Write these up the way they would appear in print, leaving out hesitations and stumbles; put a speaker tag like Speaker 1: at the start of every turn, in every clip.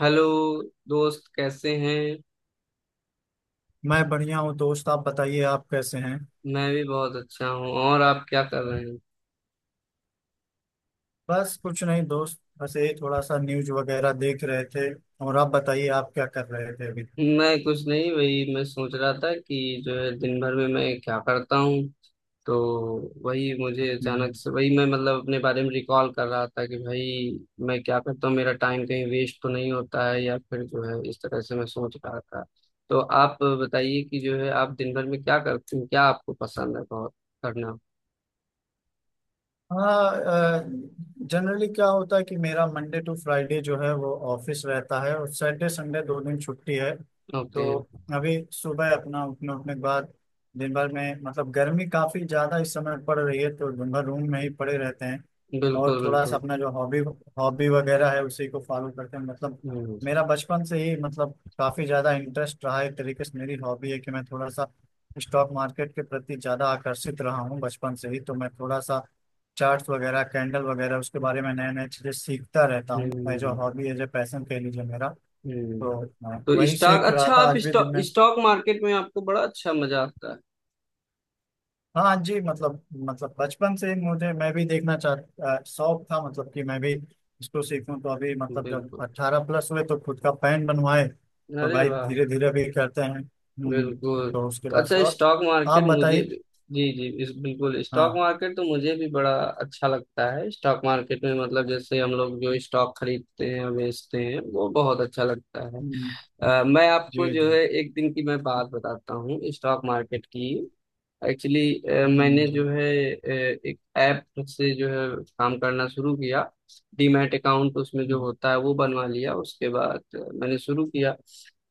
Speaker 1: Hello दोस्त, कैसे हैं?
Speaker 2: मैं बढ़िया हूँ दोस्त। आप बताइए, आप कैसे हैं?
Speaker 1: मैं भी बहुत अच्छा हूँ। और आप क्या कर रहे हैं?
Speaker 2: बस कुछ नहीं दोस्त, बस यही थोड़ा सा न्यूज वगैरह देख रहे थे। और आप बताइए, आप क्या कर रहे थे?
Speaker 1: मैं कुछ नहीं, वही मैं सोच रहा था कि जो है दिन भर में मैं क्या करता हूँ, तो वही मुझे अचानक
Speaker 2: अभी।
Speaker 1: से, वही मैं मतलब अपने बारे में रिकॉल कर रहा था कि भाई मैं क्या करता हूँ, मेरा टाइम कहीं वेस्ट तो नहीं होता है, या फिर जो है इस तरह से मैं सोच रहा था। तो आप बताइए कि जो है आप दिन भर में क्या करते हैं, क्या आपको पसंद है बहुत करना?
Speaker 2: हाँ। जनरली क्या होता है कि मेरा मंडे टू फ्राइडे जो है वो ऑफिस रहता है और सैटरडे संडे 2 दिन छुट्टी है। तो
Speaker 1: ओके।
Speaker 2: अभी सुबह अपना उठने उठने के बाद दिन भर में मतलब गर्मी काफी ज्यादा इस समय पड़ रही है, तो दिन भर रूम में ही पड़े रहते हैं। और
Speaker 1: बिल्कुल
Speaker 2: थोड़ा सा
Speaker 1: बिल्कुल।
Speaker 2: अपना जो हॉबी हॉबी वगैरह है उसी को फॉलो करते हैं मतलब,
Speaker 1: हम्म।
Speaker 2: मेरा बचपन से ही मतलब काफी ज्यादा इंटरेस्ट रहा है। एक तरीके से मेरी हॉबी है कि मैं थोड़ा सा स्टॉक मार्केट के प्रति ज्यादा आकर्षित रहा हूँ बचपन से ही। तो मैं थोड़ा सा चार्ट्स वगैरह कैंडल वगैरह उसके बारे में नए नए चीज़ें सीखता रहता हूँ। मैं जो
Speaker 1: हम्म।
Speaker 2: हॉबी है जो पैसन कह लीजिए मेरा, तो
Speaker 1: हम्म।
Speaker 2: हाँ,
Speaker 1: तो
Speaker 2: वही
Speaker 1: स्टॉक,
Speaker 2: सीख रहा
Speaker 1: अच्छा,
Speaker 2: था
Speaker 1: आप
Speaker 2: आज भी दिन
Speaker 1: स्टॉक
Speaker 2: में।
Speaker 1: स्टॉक मार्केट में आपको बड़ा अच्छा मजा आता है?
Speaker 2: हाँ जी। मतलब बचपन से ही मुझे मैं भी देखना चाह शौक था, मतलब कि मैं भी इसको सीखूं। तो अभी मतलब जब
Speaker 1: बिल्कुल।
Speaker 2: 18+ हुए तो खुद का पैन बनवाए, तो
Speaker 1: अरे
Speaker 2: भाई
Speaker 1: वाह।
Speaker 2: धीरे धीरे भी करते हैं। हम्म।
Speaker 1: बिल्कुल।
Speaker 2: तो उसके
Speaker 1: तो
Speaker 2: बाद से।
Speaker 1: अच्छा,
Speaker 2: और
Speaker 1: स्टॉक
Speaker 2: आप
Speaker 1: मार्केट मुझे
Speaker 2: बताइए।
Speaker 1: भी। जी जी, इस बिल्कुल स्टॉक
Speaker 2: हाँ।
Speaker 1: मार्केट तो मुझे भी बड़ा अच्छा लगता है। स्टॉक मार्केट में मतलब जैसे हम लोग जो स्टॉक खरीदते हैं और बेचते हैं, वो बहुत अच्छा लगता है।
Speaker 2: हम्म।
Speaker 1: मैं आपको
Speaker 2: जी जी।
Speaker 1: जो है एक दिन की मैं बात बताता हूँ स्टॉक मार्केट की। एक्चुअली, मैंने
Speaker 2: जी।
Speaker 1: जो है अ, एक ऐप से जो है काम करना शुरू किया। डीमैट अकाउंट, उसमें जो
Speaker 2: हम्म।
Speaker 1: होता है वो बनवा लिया। उसके बाद मैंने शुरू किया।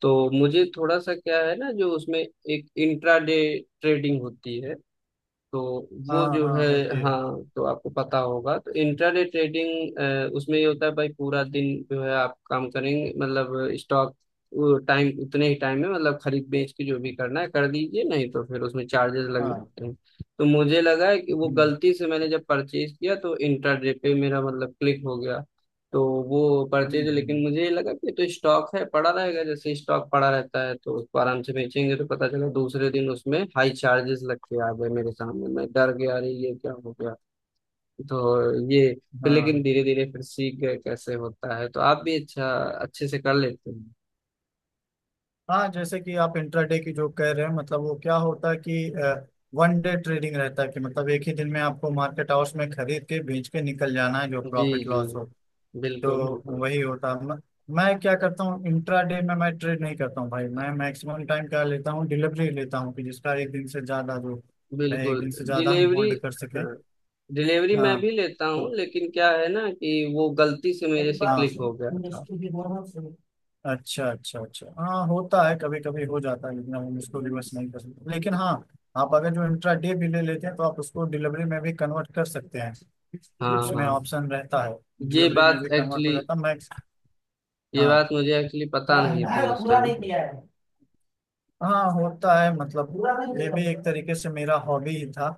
Speaker 1: तो मुझे थोड़ा सा क्या है ना, जो उसमें एक इंट्राडे ट्रेडिंग होती है, तो वो
Speaker 2: हाँ
Speaker 1: जो
Speaker 2: हाँ
Speaker 1: है।
Speaker 2: होती है।
Speaker 1: हाँ, तो आपको पता होगा, तो इंट्राडे ट्रेडिंग उसमें ये होता है भाई, पूरा दिन जो है आप काम करेंगे मतलब स्टॉक टाइम, उतने ही टाइम में मतलब खरीद बेच के जो भी करना है कर दीजिए, नहीं तो फिर उसमें चार्जेस लग
Speaker 2: हाँ।
Speaker 1: जाते हैं। तो मुझे लगा है कि वो
Speaker 2: हम्म।
Speaker 1: गलती से मैंने जब परचेज किया तो इंट्राडे पे मेरा मतलब क्लिक हो गया। तो वो पढ़ते
Speaker 2: हम्म।
Speaker 1: थे, लेकिन
Speaker 2: हम्म।
Speaker 1: मुझे ये लगा कि ये तो स्टॉक है, पड़ा रहेगा, जैसे स्टॉक पड़ा रहता है, तो उसको आराम से बेचेंगे। तो पता चला दूसरे दिन उसमें हाई चार्जेस लग के आ गए मेरे सामने, मैं डर गया, अरे ये क्या हो गया। तो ये फिर, लेकिन
Speaker 2: हाँ।
Speaker 1: धीरे धीरे फिर सीख गए कैसे होता है, तो आप भी अच्छा अच्छे से कर लेते हैं।
Speaker 2: हाँ जैसे कि आप इंट्राडे की जो कह रहे हैं मतलब वो क्या होता है कि वन डे ट्रेडिंग रहता है, कि मतलब एक ही दिन में आपको मार्केट हाउस में खरीद के बेच के निकल जाना है, जो
Speaker 1: जी
Speaker 2: प्रॉफिट
Speaker 1: जी।
Speaker 2: लॉस हो।
Speaker 1: बिल्कुल
Speaker 2: तो
Speaker 1: बिल्कुल।
Speaker 2: वही होता है। मैं क्या करता हूँ, इंट्राडे में मैं ट्रेड नहीं करता हूँ भाई। मैं मैक्सिमम टाइम क्या लेता हूँ, डिलीवरी लेता हूँ कि जिसका एक दिन से ज्यादा जो रहे एक
Speaker 1: बिल्कुल
Speaker 2: दिन से ज्यादा हम
Speaker 1: डिलीवरी।
Speaker 2: होल्ड कर सकें।
Speaker 1: हाँ, डिलीवरी मैं
Speaker 2: हाँ।
Speaker 1: भी लेता
Speaker 2: तो
Speaker 1: हूँ, लेकिन क्या है ना कि वो गलती से
Speaker 2: बड़ी
Speaker 1: मेरे
Speaker 2: हाँ
Speaker 1: से
Speaker 2: बात
Speaker 1: क्लिक हो गया था।
Speaker 2: मुश्किल भी होना चाहिए। अच्छा अच्छा अच्छा। हाँ होता है कभी कभी, हो जाता है, लेकिन हम उसको रिवर्स नहीं कर सकते, लेकिन हाँ, आप अगर जो इंट्रा डे भी ले लेते हैं तो आप उसको डिलीवरी में भी कन्वर्ट कर सकते हैं।
Speaker 1: हाँ
Speaker 2: उसमें
Speaker 1: हाँ।
Speaker 2: ऑप्शन रहता है।
Speaker 1: ये
Speaker 2: डिलीवरी में
Speaker 1: बात
Speaker 2: भी कन्वर्ट हो
Speaker 1: एक्चुअली,
Speaker 2: जाता है मैक्स।
Speaker 1: ये
Speaker 2: हाँ।
Speaker 1: बात मुझे एक्चुअली पता नहीं थी
Speaker 2: यार,
Speaker 1: उस
Speaker 2: पूरा
Speaker 1: टाइम
Speaker 2: नहीं
Speaker 1: पे।
Speaker 2: किया है। हाँ होता है मतलब। पूरा नहीं ये किया भी एक तरीके से मेरा हॉबी ही था।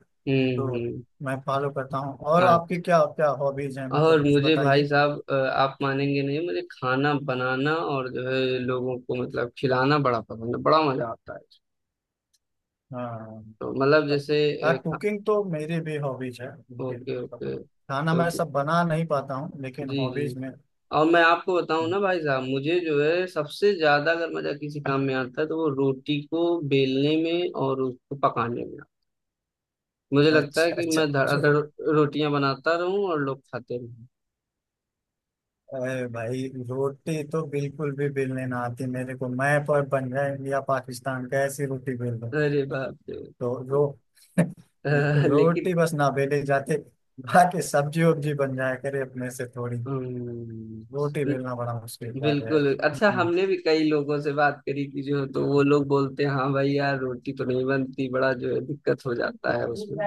Speaker 2: तो
Speaker 1: हम्म। हम्म।
Speaker 2: मैं फॉलो करता हूँ। और आपकी
Speaker 1: आज-
Speaker 2: क्या क्या हॉबीज हैं?
Speaker 1: और
Speaker 2: मतलब कुछ
Speaker 1: मुझे भाई
Speaker 2: बताइए।
Speaker 1: साहब, आप मानेंगे नहीं, मुझे खाना बनाना और जो है लोगों को मतलब खिलाना बड़ा पसंद है, बड़ा मजा आता है।
Speaker 2: हाँ
Speaker 1: तो
Speaker 2: मतलब,
Speaker 1: मतलब जैसे।
Speaker 2: हाँ कुकिंग तो मेरी भी हॉबीज है, लेकिन
Speaker 1: ओके
Speaker 2: मतलब
Speaker 1: ओके।
Speaker 2: खाना मैं
Speaker 1: तो
Speaker 2: सब बना नहीं पाता हूँ, लेकिन
Speaker 1: जी जी।
Speaker 2: हॉबीज में।
Speaker 1: और मैं आपको बताऊं ना भाई साहब, मुझे जो है सबसे ज्यादा अगर मजा किसी काम में आता है तो वो रोटी को बेलने में और उसको पकाने में आता है। मुझे लगता है
Speaker 2: अच्छा
Speaker 1: कि
Speaker 2: अच्छा।
Speaker 1: मैं धड़ाधड़
Speaker 2: रो,
Speaker 1: रोटियां बनाता रहूं और लोग खाते रहें।
Speaker 2: अरे भाई रोटी तो बिल्कुल भी बेलने ना आती मेरे को, मैं पर बन जाए इंडिया पाकिस्तान का ऐसी रोटी बेल दो।
Speaker 1: अरे बाप रे।
Speaker 2: तो रो
Speaker 1: लेकिन।
Speaker 2: रोटी बस ना बेले जाते। बाकी सब्जी वब्जी बन जाया करे अपने से, थोड़ी
Speaker 1: हम्म।
Speaker 2: रोटी
Speaker 1: बिल-
Speaker 2: बेलना बड़ा मुश्किल कार्य है।
Speaker 1: बिल्कुल। अच्छा,
Speaker 2: हम्म।
Speaker 1: हमने भी कई लोगों से बात करी थी, जो तो वो लोग बोलते हैं, हाँ भाई यार रोटी तो नहीं बनती, बड़ा जो है दिक्कत हो जाता है उसमें।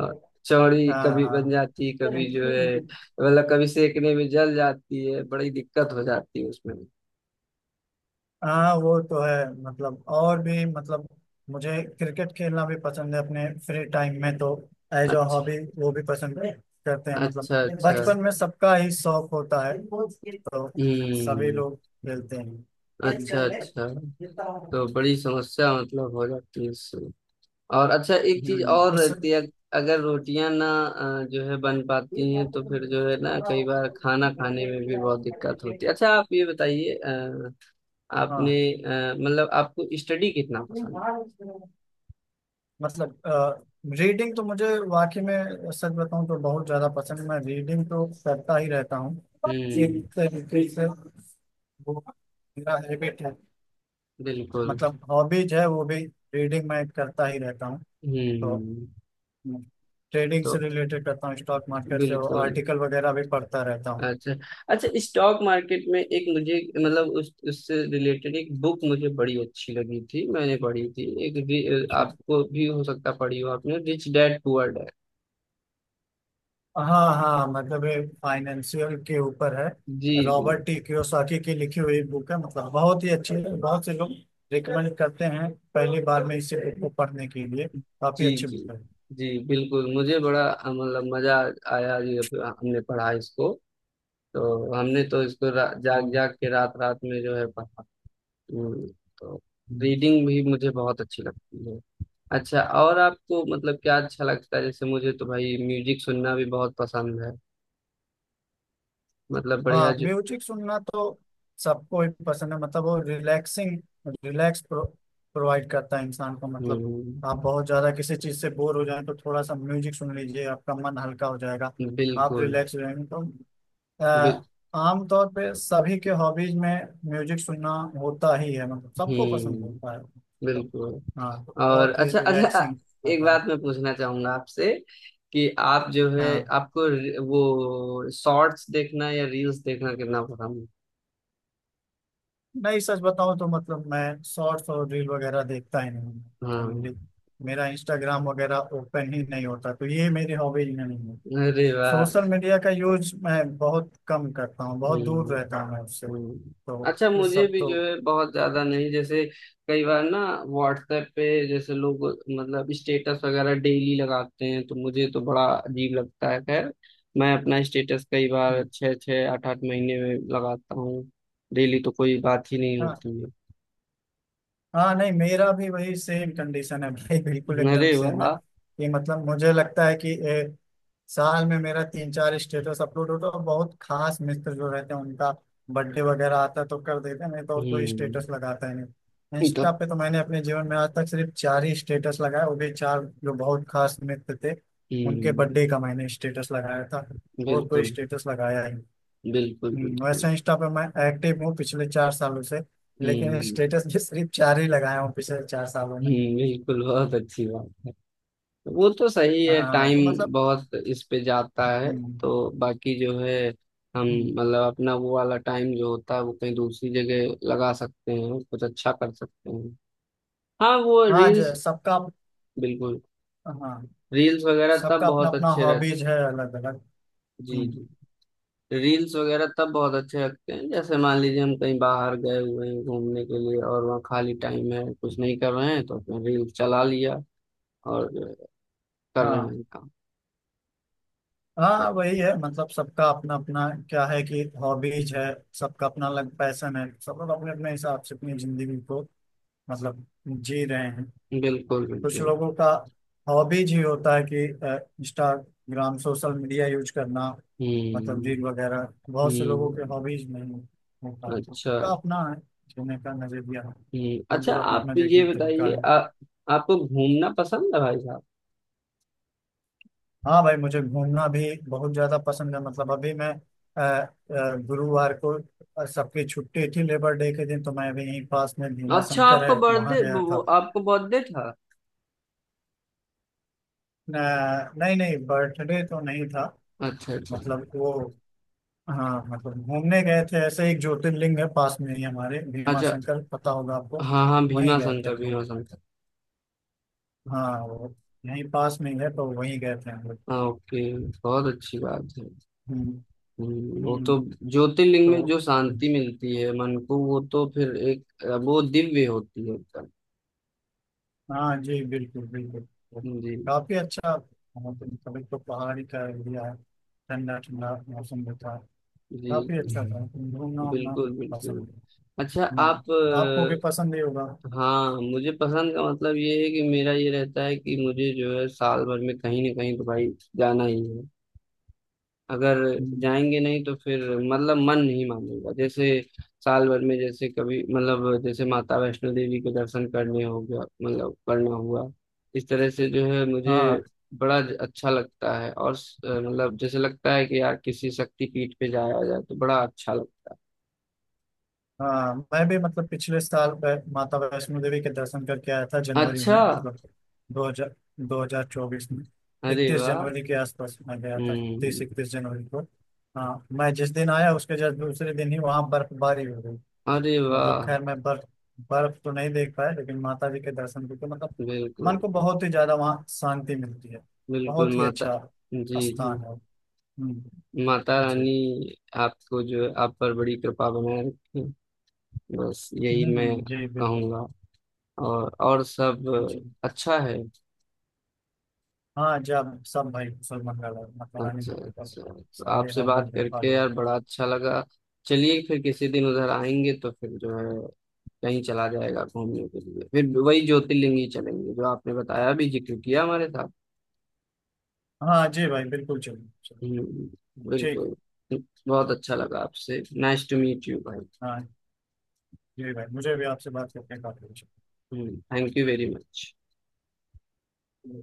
Speaker 1: और चौड़ी
Speaker 2: हाँ।
Speaker 1: कभी
Speaker 2: हाँ।
Speaker 1: बन जाती, कभी जो है मतलब कभी सेकने में जल जाती है, बड़ी दिक्कत हो जाती है उसमें।
Speaker 2: हाँ वो तो है, मतलब और भी मतलब मुझे क्रिकेट खेलना भी पसंद है अपने फ्री टाइम में। तो एज अ
Speaker 1: अच्छा
Speaker 2: हॉबी वो भी पसंद करते हैं मतलब।
Speaker 1: अच्छा अच्छा।
Speaker 2: बचपन में सबका ही शौक होता है, तो सभी
Speaker 1: हम्म।
Speaker 2: लोग खेलते हैं।
Speaker 1: अच्छा अच्छा। तो बड़ी समस्या मतलब हो जाती है इससे। और अच्छा, एक चीज
Speaker 2: हम्म।
Speaker 1: और
Speaker 2: इस
Speaker 1: रहती है, अगर रोटियां ना जो है बन पाती हैं, तो फिर जो है ना, कई बार खाना खाने में भी बहुत दिक्कत होती है। अच्छा, आप ये बताइए, आपने
Speaker 2: हाँ।
Speaker 1: मतलब आपको स्टडी कितना पसंद
Speaker 2: मतलब रीडिंग तो मुझे वाकई में, सच बताऊं तो बहुत ज्यादा पसंद है। मैं रीडिंग तो करता ही रहता हूँ,
Speaker 1: है?
Speaker 2: एक
Speaker 1: हम्म।
Speaker 2: तरीके से वो मेरा हैबिट है,
Speaker 1: बिल्कुल।
Speaker 2: मतलब हॉबीज है वो भी। रीडिंग मैं करता ही रहता हूँ। तो
Speaker 1: हम्म।
Speaker 2: ट्रेडिंग से
Speaker 1: तो
Speaker 2: रिलेटेड करता हूँ, स्टॉक मार्केट से वो
Speaker 1: बिल्कुल,
Speaker 2: आर्टिकल वगैरह भी पढ़ता रहता हूँ।
Speaker 1: अच्छा अच्छा, स्टॉक मार्केट में एक मुझे मतलब उस उससे रिलेटेड एक बुक मुझे बड़ी अच्छी लगी थी, मैंने पढ़ी थी, एक
Speaker 2: अच्छा।
Speaker 1: आपको भी हो सकता पढ़ी हो आपने, रिच डैड पुअर डैड।
Speaker 2: हाँ हाँ, मतलब ये फाइनेंशियल के ऊपर है।
Speaker 1: जी जी।
Speaker 2: रॉबर्ट टी कियोसाकी की लिखी हुई बुक है, मतलब बहुत ही अच्छी है। बहुत से लोग रिकमेंड करते हैं पहली बार में इसे बुक को पढ़ने के लिए। काफी
Speaker 1: जी
Speaker 2: अच्छी
Speaker 1: जी,
Speaker 2: बुक है।
Speaker 1: जी बिल्कुल, मुझे बड़ा मतलब मजा आया ये, हमने पढ़ा इसको। तो हमने तो इसको जाग
Speaker 2: हम्म।
Speaker 1: जाग के रात रात में जो है पढ़ा। हम्म। तो
Speaker 2: हम्म।
Speaker 1: रीडिंग भी मुझे बहुत अच्छी लगती है। अच्छा, और आपको मतलब क्या अच्छा लगता है? जैसे मुझे तो भाई म्यूजिक सुनना भी बहुत पसंद है, मतलब बढ़िया
Speaker 2: हाँ
Speaker 1: जो।
Speaker 2: म्यूजिक सुनना तो सबको ही पसंद है। मतलब वो रिलैक्स प्रोवाइड करता है इंसान को। मतलब
Speaker 1: हम्म।
Speaker 2: आप बहुत ज्यादा किसी चीज से बोर हो जाए तो थोड़ा सा म्यूजिक सुन लीजिए, आपका मन हल्का हो जाएगा, आप
Speaker 1: बिल्कुल।
Speaker 2: रिलैक्स हो जाएंगे। तो
Speaker 1: बिल,
Speaker 2: अ, आमतौर पे सभी के हॉबीज में म्यूजिक सुनना होता ही है, मतलब सबको पसंद होता
Speaker 1: हम्म।
Speaker 2: है। तो,
Speaker 1: बिल्कुल।
Speaker 2: हाँ, तो
Speaker 1: और
Speaker 2: बहुत ही
Speaker 1: अच्छा अच्छा,
Speaker 2: रिलैक्सिंग
Speaker 1: एक
Speaker 2: रहता है।
Speaker 1: बात मैं पूछना चाहूंगा आपसे, कि आप जो है
Speaker 2: हाँ
Speaker 1: आपको वो शॉर्ट्स देखना या रील्स देखना कितना पसंद
Speaker 2: नहीं, सच बताऊं तो मतलब मैं शॉर्ट्स और रील वगैरह देखता ही नहीं हूँ।
Speaker 1: है? हाँ।
Speaker 2: चलिए, मेरा इंस्टाग्राम वगैरह ओपन ही नहीं होता, तो ये मेरी हॉबीज में नहीं है।
Speaker 1: अरे वाह।
Speaker 2: सोशल मीडिया का यूज मैं बहुत कम करता हूँ, बहुत
Speaker 1: हम्म।
Speaker 2: दूर रहता हूँ मैं उससे।
Speaker 1: हम्म।
Speaker 2: तो
Speaker 1: अच्छा,
Speaker 2: ये
Speaker 1: मुझे
Speaker 2: सब
Speaker 1: भी
Speaker 2: तो।
Speaker 1: जो है बहुत ज्यादा नहीं, जैसे कई बार ना व्हाट्सएप पे जैसे लोग मतलब स्टेटस वगैरह डेली लगाते हैं तो मुझे तो बड़ा अजीब लगता है, खैर मैं अपना स्टेटस कई बार
Speaker 2: हम्म।
Speaker 1: छः छः आठ आठ महीने में लगाता हूँ, डेली तो कोई बात ही नहीं
Speaker 2: हाँ
Speaker 1: होती।
Speaker 2: हाँ, नहीं मेरा भी वही सेम कंडीशन है भाई, बिल्कुल एकदम
Speaker 1: अरे
Speaker 2: सेम है।
Speaker 1: वाह।
Speaker 2: कि मतलब मुझे लगता है कि साल में मेरा तीन चार स्टेटस अपलोड होता है, और बहुत खास मित्र जो रहते हैं उनका बर्थडे वगैरह आता है तो कर देते हैं, नहीं तो और कोई
Speaker 1: हम्म।
Speaker 2: स्टेटस लगाता ही नहीं इंस्टा
Speaker 1: तब।
Speaker 2: पे। तो मैंने अपने जीवन में आज तक सिर्फ चार ही स्टेटस लगाया, वो भी चार जो बहुत खास मित्र थे उनके
Speaker 1: हम्म।
Speaker 2: बर्थडे का मैंने स्टेटस लगाया था, और कोई
Speaker 1: बिल्कुल
Speaker 2: स्टेटस लगाया ही नहीं।
Speaker 1: बिल्कुल बिल्कुल।
Speaker 2: वैसे इंस्टा पे मैं एक्टिव हूँ पिछले 4 सालों से, लेकिन
Speaker 1: हम्म।
Speaker 2: स्टेटस भी सिर्फ चार ही लगाया हूँ पिछले 4 सालों में।
Speaker 1: हम्म। बिल्कुल, बहुत अच्छी बात है। वो तो सही है,
Speaker 2: हाँ तो
Speaker 1: टाइम
Speaker 2: मतलब।
Speaker 1: बहुत इस पे जाता है,
Speaker 2: हम्म।
Speaker 1: तो बाकी जो है हम
Speaker 2: हम्म।
Speaker 1: मतलब अपना वो वाला टाइम जो होता है वो कहीं दूसरी जगह लगा सकते हैं, कुछ अच्छा कर सकते हैं। हाँ, वो
Speaker 2: हाँ जो
Speaker 1: रील्स।
Speaker 2: सबका
Speaker 1: बिल्कुल।
Speaker 2: हाँ
Speaker 1: रील्स वगैरह तब
Speaker 2: सबका अपना
Speaker 1: बहुत
Speaker 2: अपना
Speaker 1: अच्छे रहते।
Speaker 2: हॉबीज है अलग अलग।
Speaker 1: जी।
Speaker 2: हम्म।
Speaker 1: रील्स वगैरह तब बहुत अच्छे लगते हैं, जैसे मान लीजिए हम कहीं बाहर गए हुए हैं घूमने के लिए और वहाँ खाली टाइम है, कुछ नहीं कर रहे हैं, तो अपने रील्स चला लिया और जो है, कर रहे
Speaker 2: हाँ।
Speaker 1: हैं काम। तो
Speaker 2: हाँ वही है, मतलब सबका अपना अपना क्या है कि हॉबीज है। सबका अपना अलग पैशन है, सब लोग अपने अपने हिसाब से अपनी जिंदगी को मतलब जी रहे हैं।
Speaker 1: बिल्कुल
Speaker 2: कुछ
Speaker 1: बिल्कुल।
Speaker 2: लोगों का हॉबीज ही होता है कि इंस्टाग्राम सोशल मीडिया यूज करना, मतलब
Speaker 1: हम्म।
Speaker 2: रील वगैरह बहुत से लोगों के
Speaker 1: हम्म।
Speaker 2: हॉबीज में होता है,
Speaker 1: अच्छा।
Speaker 2: का अपना है जीने का नजरिया है।
Speaker 1: हम्म।
Speaker 2: उन
Speaker 1: अच्छा,
Speaker 2: लोग अपना अपना
Speaker 1: आप
Speaker 2: देखने
Speaker 1: ये
Speaker 2: का तरीका
Speaker 1: बताइए,
Speaker 2: है।
Speaker 1: आपको घूमना पसंद है भाई साहब?
Speaker 2: हाँ भाई मुझे घूमना भी बहुत ज्यादा पसंद है। मतलब अभी मैं गुरुवार को सबकी छुट्टी थी लेबर डे के दिन, तो मैं अभी यहीं पास में भीमा
Speaker 1: अच्छा,
Speaker 2: शंकर
Speaker 1: आपका
Speaker 2: है, वहां
Speaker 1: बर्थडे,
Speaker 2: गया
Speaker 1: वो
Speaker 2: था।
Speaker 1: आपको बर्थडे था?
Speaker 2: नहीं नहीं, बर्थडे तो नहीं था।
Speaker 1: अच्छा अच्छा
Speaker 2: मतलब वो, हाँ मतलब घूमने गए थे। ऐसे एक ज्योतिर्लिंग है पास में ही हमारे, भीमा
Speaker 1: अच्छा।
Speaker 2: शंकर, पता होगा आपको।
Speaker 1: हाँ हाँ,
Speaker 2: वहीं
Speaker 1: भीमा
Speaker 2: गए थे
Speaker 1: शंकर,
Speaker 2: हम लोग।
Speaker 1: भीमा शंकर।
Speaker 2: हाँ वो यहीं पास में ही है, तो वहीं गए थे हम लोग।
Speaker 1: हाँ, ओके। बहुत अच्छी बात है।
Speaker 2: हम्म।
Speaker 1: वो
Speaker 2: हम्म।
Speaker 1: तो ज्योतिर्लिंग में
Speaker 2: तो
Speaker 1: जो शांति मिलती है मन को, वो तो फिर एक, वो दिव्य होती है एकदम।
Speaker 2: हाँ जी बिल्कुल बिल्कुल। तो
Speaker 1: जी।
Speaker 2: काफी अच्छा। हाँ, तो मतलब एक तो पहाड़ी का एरिया है, ठंडा ठंडा मौसम भी था,
Speaker 1: जी
Speaker 2: काफी अच्छा
Speaker 1: जी,
Speaker 2: था। हम्म। घूमना उमना
Speaker 1: बिल्कुल
Speaker 2: पसंद
Speaker 1: बिल्कुल।
Speaker 2: है।
Speaker 1: अच्छा, आप
Speaker 2: हम्म। आपको भी पसंद ही होगा।
Speaker 1: हाँ, मुझे पसंद का मतलब ये है, कि मेरा ये रहता है कि मुझे जो है साल भर में कहीं ना कहीं तो भाई जाना ही है। अगर
Speaker 2: हम्म।
Speaker 1: जाएंगे नहीं तो फिर मतलब मन नहीं मानेगा, जैसे साल भर में जैसे कभी मतलब जैसे माता वैष्णो देवी के दर्शन करने हो गया मतलब करना हुआ, इस तरह से जो है मुझे
Speaker 2: हाँ
Speaker 1: बड़ा अच्छा लगता है, और मतलब जैसे लगता है कि यार किसी शक्ति पीठ पे जाया जाए तो बड़ा अच्छा लगता
Speaker 2: हाँ मैं भी मतलब पिछले साल माता वैष्णो देवी के दर्शन करके आया था
Speaker 1: है।
Speaker 2: जनवरी
Speaker 1: अच्छा।
Speaker 2: में, मतलब दो हजार दो हजार चौबीस में,
Speaker 1: अरे
Speaker 2: इकतीस
Speaker 1: वाह।
Speaker 2: जनवरी के आसपास मैं गया था, तीस
Speaker 1: हम्म।
Speaker 2: इकतीस जनवरी को। हाँ मैं जिस दिन आया उसके जस्ट दूसरे दिन ही वहाँ बर्फबारी हो गई।
Speaker 1: अरे
Speaker 2: मतलब
Speaker 1: वाह।
Speaker 2: खैर मैं बर्फ बर्फ तो नहीं देख पाया, लेकिन माता जी के दर्शन करके मतलब मन
Speaker 1: बिल्कुल
Speaker 2: को बहुत ही ज्यादा वहाँ शांति मिलती है।
Speaker 1: बिल्कुल।
Speaker 2: बहुत ही
Speaker 1: माता।
Speaker 2: अच्छा
Speaker 1: जी जी,
Speaker 2: स्थान है। हम्म।
Speaker 1: माता
Speaker 2: जी।
Speaker 1: रानी आपको जो है आप पर बड़ी कृपा बनाए रखें, बस यही मैं
Speaker 2: हम्म। जी बिल्कुल।
Speaker 1: कहूँगा। और सब
Speaker 2: जी।
Speaker 1: अच्छा है।
Speaker 2: हाँ जब सब भाई सलमान का लड़का, मौलाना
Speaker 1: अच्छा
Speaker 2: की किताब,
Speaker 1: अच्छा, तो
Speaker 2: सारे
Speaker 1: आपसे बात
Speaker 2: हॉबीज में
Speaker 1: करके यार
Speaker 2: फॉलो।
Speaker 1: बड़ा अच्छा लगा। चलिए, फिर किसी दिन उधर आएंगे तो फिर जो है कहीं चला जाएगा घूमने के लिए, फिर वही ज्योतिर्लिंग ही चलेंगे, जो आपने बताया भी, जिक्र किया हमारे साथ।
Speaker 2: हाँ जी भाई बिल्कुल, चलिए चलिए।
Speaker 1: हम्म।
Speaker 2: ठीक है।
Speaker 1: बिल्कुल, बहुत अच्छा लगा आपसे। नाइस टू मीट यू भाई।
Speaker 2: हाँ जी भाई मुझे भी आपसे बात करके काफी अच्छा
Speaker 1: थैंक यू वेरी मच।
Speaker 2: लगा।